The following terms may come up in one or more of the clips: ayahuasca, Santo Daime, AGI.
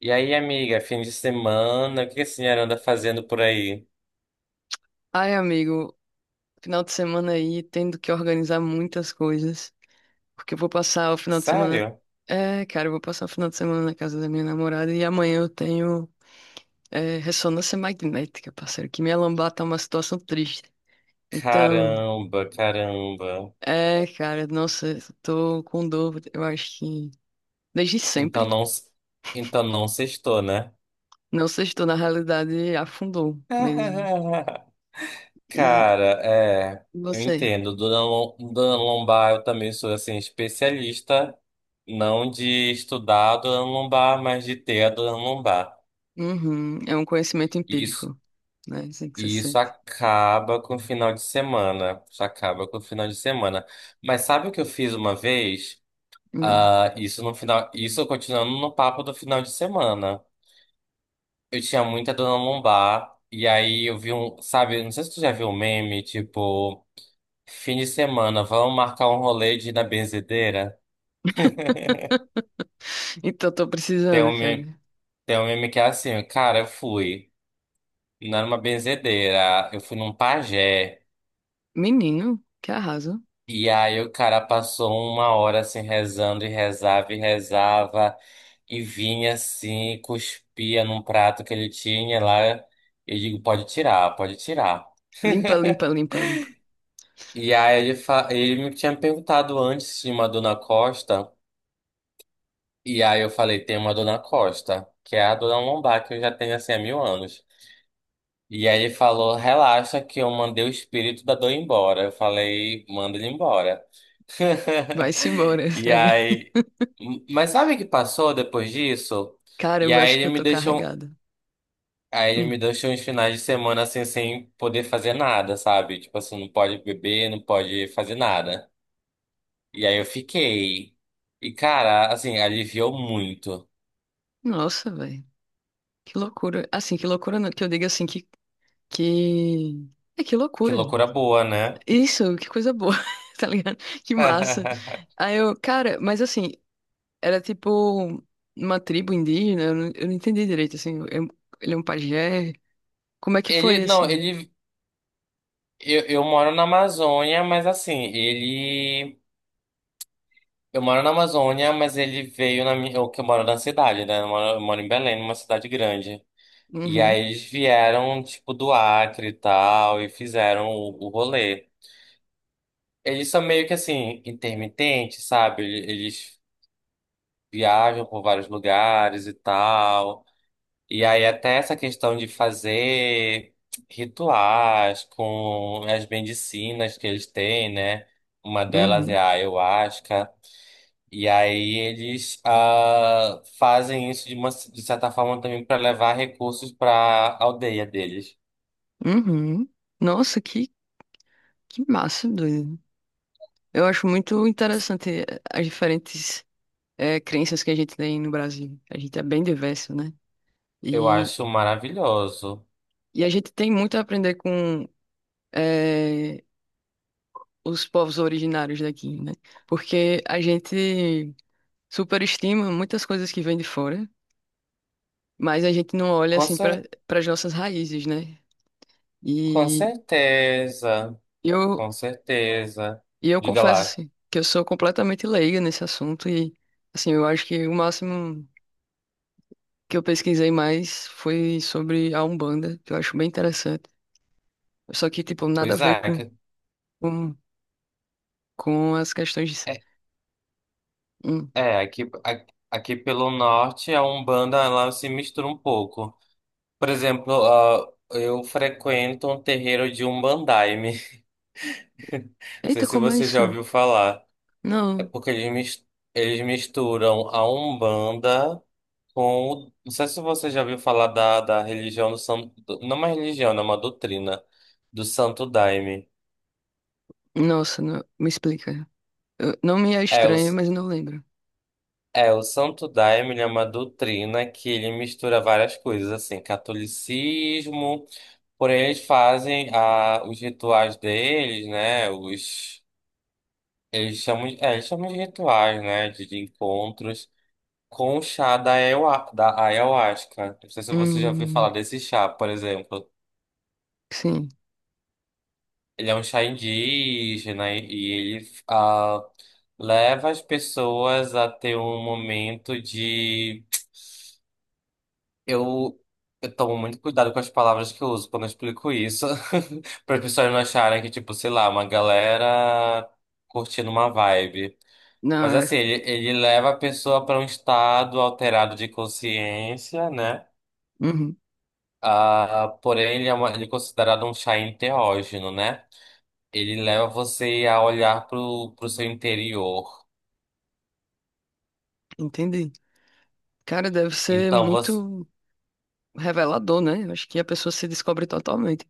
E aí, amiga, fim de semana, o que a senhora anda fazendo por aí? Ai, amigo, final de semana aí, tendo que organizar muitas coisas, porque eu vou passar o final de semana. Sério? É, cara, eu vou passar o final de semana na casa da minha namorada e amanhã eu tenho ressonância magnética, parceiro, que minha lombar tá uma situação triste. Então, Caramba, caramba. Cara, nossa, eu tô com dor, eu acho que desde Então sempre. não, s- então não sextou, né? Não sei se estou na realidade, afundou mesmo. E Cara, eu você? entendo. Dona Lombar, eu também sou assim especialista, não de estudar a Dona Lombar, mas de ter a Dona Lombar. Uhum, é um conhecimento Isso, empírico, né? Assim que você e isso sente. acaba com o final de semana. Isso acaba com o final de semana. Mas sabe o que eu fiz uma vez? Hum. Ah, isso no final, isso continuando no papo do final de semana. Eu tinha muita dor na lombar e aí eu vi um, sabe, não sei se tu já viu um meme, tipo, fim de semana, vamos marcar um rolê de ir na benzedeira? Então, tô Tem precisando, um cara. meme, tem um meme que é assim, cara, eu fui, não era uma benzedeira, eu fui num pajé. Menino, que arraso. E aí o cara passou uma hora assim rezando e rezava e rezava e vinha assim, cuspia num prato que ele tinha lá. Eu digo, pode tirar, pode tirar. Limpa, limpa, limpa, limpa. E aí ele me tinha perguntado antes se tinha uma dona Costa. E aí eu falei, tem uma dona Costa, que é a dona Lombar, que eu já tenho assim há mil anos. E aí ele falou, relaxa que eu mandei o espírito da dor embora. Eu falei, manda ele embora. Vai-se embora. E Sabe? aí. Mas sabe o que passou depois disso? E Caramba, eu aí acho que ele eu me tô deixou. carregada. Aí ele me Hum. deixou uns finais de semana assim, sem poder fazer nada, sabe? Tipo assim, não pode beber, não pode fazer nada. E aí eu fiquei. E cara, assim, aliviou muito. Nossa, velho. Que loucura. Assim, que loucura não- que eu diga assim que... É, que Que loucura. loucura boa, né? Isso, que coisa boa, tá ligado? Que massa. Aí eu, cara, mas assim, era tipo uma tribo indígena, eu não entendi direito, assim. Ele é um pajé. Como é que Ele, foi, não, assim? ele. Eu moro na Amazônia, mas assim, ele. Eu moro na Amazônia, mas ele veio na minha. Eu que eu moro na cidade, né? Eu moro em Belém, numa cidade grande. E Uhum, aí eles vieram, tipo, do Acre e tal, e fizeram o rolê. Eles são meio que assim, intermitentes, sabe? Eles viajam por vários lugares e tal. E aí até essa questão de fazer rituais com as medicinas que eles têm, né? Uma delas é uhum, a ayahuasca. E aí eles ah, fazem isso de uma de certa forma também para levar recursos para a aldeia deles. uhum. Nossa, que... Que massa, doido. Eu acho muito interessante as diferentes crenças que a gente tem no Brasil. A gente é bem diverso, né? Eu E, acho maravilhoso. e a gente tem muito a aprender com eh, os povos originários daqui, né? Porque a gente superestima muitas coisas que vêm de fora, mas a gente não olha Com assim cer para as nossas raízes, né? com E certeza, eu, com certeza. e eu Diga confesso lá. assim, que eu sou completamente leiga nesse assunto e assim, eu acho que o máximo que eu pesquisei mais foi sobre a Umbanda, que eu acho bem interessante. Só que, tipo, nada a Pois ver é, com, com, com as questões de... é, Hum. Aqui, aqui pelo norte a Umbanda ela se mistura um pouco. Por exemplo, ah, eu frequento um terreiro de Umbandaime. Não Eita, sei se como é você já isso? ouviu falar. Não. Porque eles misturam a Umbanda com. Não sei se você já ouviu falar da religião do Santo. Não é uma religião, né, é uma doutrina. Do Santo Daime. Nossa, não- me explica. Eu- não me é É, o, estranho, s- mas eu não lembro. O Santo Daime ele é uma doutrina que ele mistura várias coisas, assim, catolicismo. Porém, eles fazem a, os rituais deles, né? Os. Eles chamam, eles chamam de rituais, né? De encontros. Com o chá da ayahuasca. Não sei se você já ouviu falar Hum, desse chá, por exemplo. sim. Ele é um chá indígena e ele ah, leva as pessoas a ter um momento de. Eu, eu tomo muito cuidado com as palavras que eu uso quando eu explico isso, para as pessoas não acharem que, tipo, sei lá, uma galera curtindo uma vibe. Mas Não, é- assim, ele leva a pessoa para um estado alterado de consciência, né? uhum, Ah, porém, ele é considerado um chá enteógeno, né? Ele leva você a olhar para o seu interior. entendi. Cara, deve ser Então, você... muito revelador, né? Eu acho que a pessoa se descobre totalmente.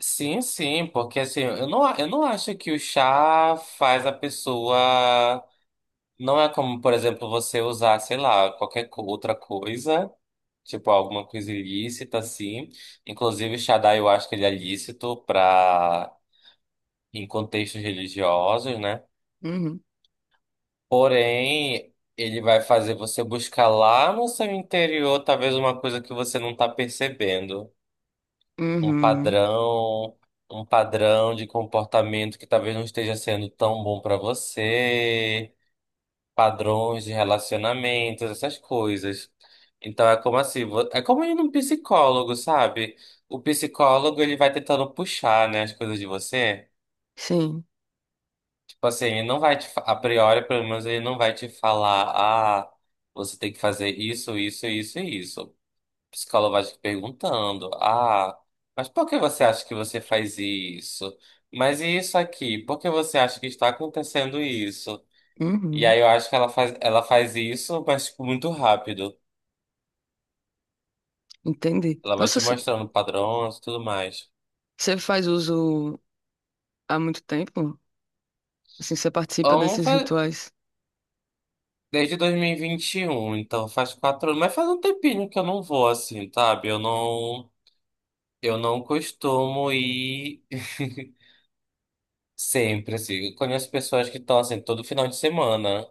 Sim, sim, porque assim, eu não acho que o chá faz a pessoa... Não é como, por exemplo, você usar, sei lá, outra coisa, tipo alguma coisa ilícita, assim. Inclusive, o chá da ayahuasca ele é lícito para... em contextos religiosos, né? Uhum, Porém, ele vai fazer você buscar lá no seu interior, talvez uma coisa que você não está percebendo, um uhum, padrão, um padrão de comportamento que talvez não esteja sendo tão bom para você, padrões de relacionamentos, essas coisas. Então é como assim, é como ir num psicólogo, sabe? O psicólogo ele vai tentando puxar, né, as coisas de você. sim. Tipo assim, ele não vai te, fa- a priori, pelo menos, ele não vai te falar, ah, você tem que fazer isso, isso, isso e isso. O psicólogo vai te perguntando, ah, mas por que você acha que você faz isso? Mas e isso aqui? Por que você acha que está acontecendo isso? E Uhum, aí eu acho que ela faz isso, mas tipo, muito rápido. entendi. Ela vai Nossa, te mostrando padrões e tudo mais. você faz uso há muito tempo? Assim, você participa Então, desses faz, rituais? desde 2021 então faz 4 anos, mas faz um tempinho que eu não vou assim, sabe? Eu não. Eu não costumo ir sempre, assim. Eu conheço pessoas que estão assim todo final de semana.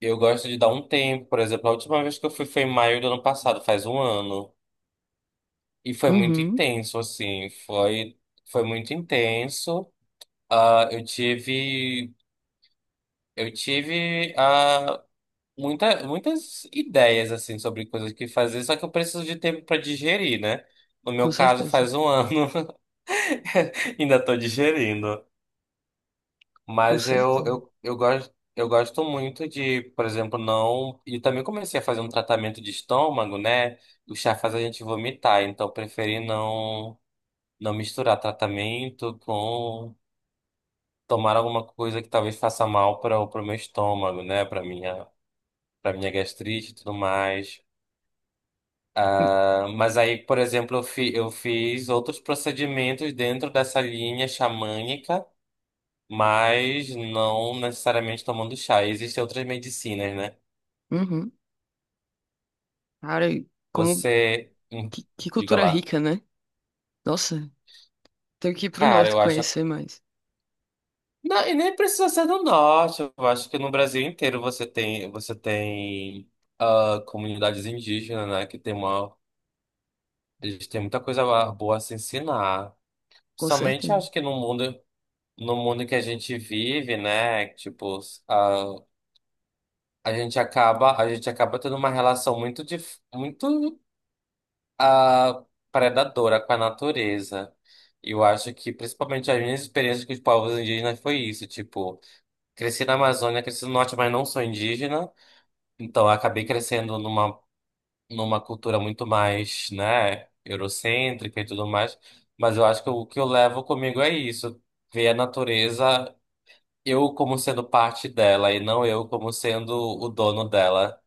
Eu gosto de dar um tempo, por exemplo, a última vez que eu fui foi em maio do ano passado, faz um ano. E foi muito Uhum, intenso, assim. Foi, foi muito intenso. Ah, eu tive ah, muitas ideias, assim, sobre coisas que fazer, só que eu preciso de tempo para digerir, né? No com meu caso, certeza. faz um ano, ainda estou digerindo. Com Mas certeza. Eu gosto muito de, por exemplo, não. E também comecei a fazer um tratamento de estômago, né? O chá faz a gente vomitar, então eu preferi não, não misturar tratamento com tomar alguma coisa que talvez faça mal para o pro meu estômago, né? Para minha gastrite e tudo mais. Hum. Ah, mas aí, por exemplo, eu fiz outros procedimentos dentro dessa linha xamânica. Mas não necessariamente tomando chá. Existem outras medicinas, né? Uhum. Cara, Você. Hum, que diga cultura lá. rica, né? Nossa, tenho que ir pro Cara, norte eu acho. conhecer mais. Não, e nem precisa ser no norte. Eu acho que no Brasil inteiro você tem ah, comunidades indígenas, né? Que tem uma. Eles têm muita coisa boa a se ensinar. Com Somente certeza. acho que no mundo, no mundo que a gente vive, né? Tipo, a, a gente acaba tendo uma relação muito a predadora com a natureza. Eu acho que, principalmente, as minhas experiências com os povos indígenas foi isso. Tipo, cresci na Amazônia, cresci no norte, mas não sou indígena. Então, eu acabei crescendo numa cultura muito mais, né, eurocêntrica e tudo mais. Mas eu acho que o que eu levo comigo é isso. Ver a natureza, eu como sendo parte dela e não eu como sendo o dono dela.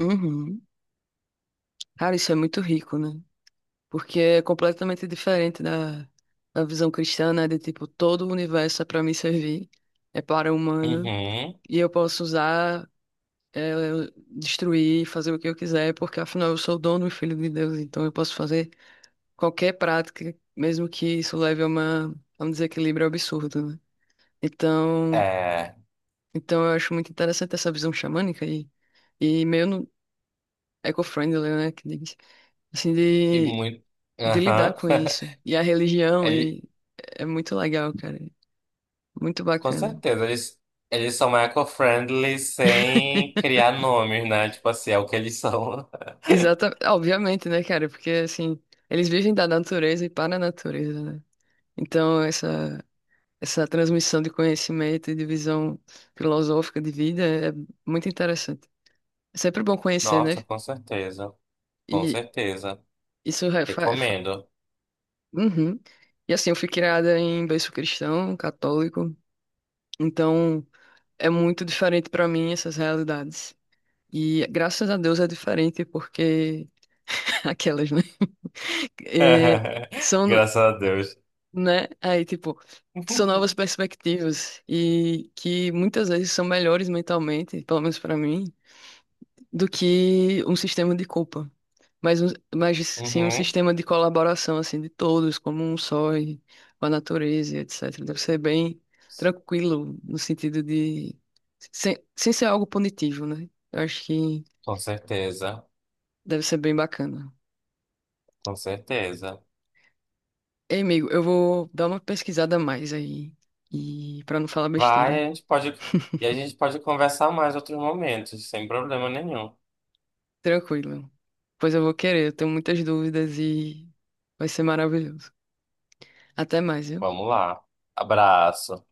Uhum. Cara, isso é muito rico, né? Porque é completamente diferente da visão cristã, né? De tipo, todo o universo é para me servir, é para o humano, Uhum. e eu posso usar, é, destruir, fazer o que eu quiser, porque afinal eu sou dono e filho de Deus, então eu posso fazer qualquer prática, mesmo que isso leve a um desequilíbrio absurdo, né? Então, É. então eu acho muito interessante essa visão xamânica e meio eco-friendly, né, que diz, assim, E muito. de lidar Aham. com isso. E a religião, É, e é muito legal, cara, muito com bacana. certeza, eles são eco-friendly sem criar nomes, né? Tipo assim, é o que eles são. Exata, obviamente, né, cara? Porque assim, eles vivem da natureza e para a natureza, né? Então, essa transmissão de conhecimento e de visão filosófica de vida é muito interessante. É sempre bom conhecer, né? Nossa, com certeza, com E certeza. isso é. fa- fa- Recomendo. Uhum. E assim, eu fui criada em berço cristão, católico, então é muito diferente pra mim essas realidades. E graças a Deus é diferente porque aquelas, né? É, são, Graças a Deus. né? Aí, tipo, são novas perspectivas e que muitas vezes são melhores mentalmente, pelo menos pra mim, do que um sistema de culpa. Mas, mas sim um Uhum, sistema de colaboração, assim, de todos, como um só, e com a natureza, e etc. Deve ser bem tranquilo, no sentido de... sem ser algo punitivo, né? Eu acho que com certeza, deve ser bem bacana. com certeza. Ei, amigo, eu vou dar uma pesquisada a mais aí, e para não falar besteira. Vai, a gente pode, E a gente pode conversar mais em outros momentos, sem problema nenhum. Tranquilo. Pois eu vou querer, eu tenho muitas dúvidas e vai ser maravilhoso. Até mais, viu? Vamos lá. Abraço.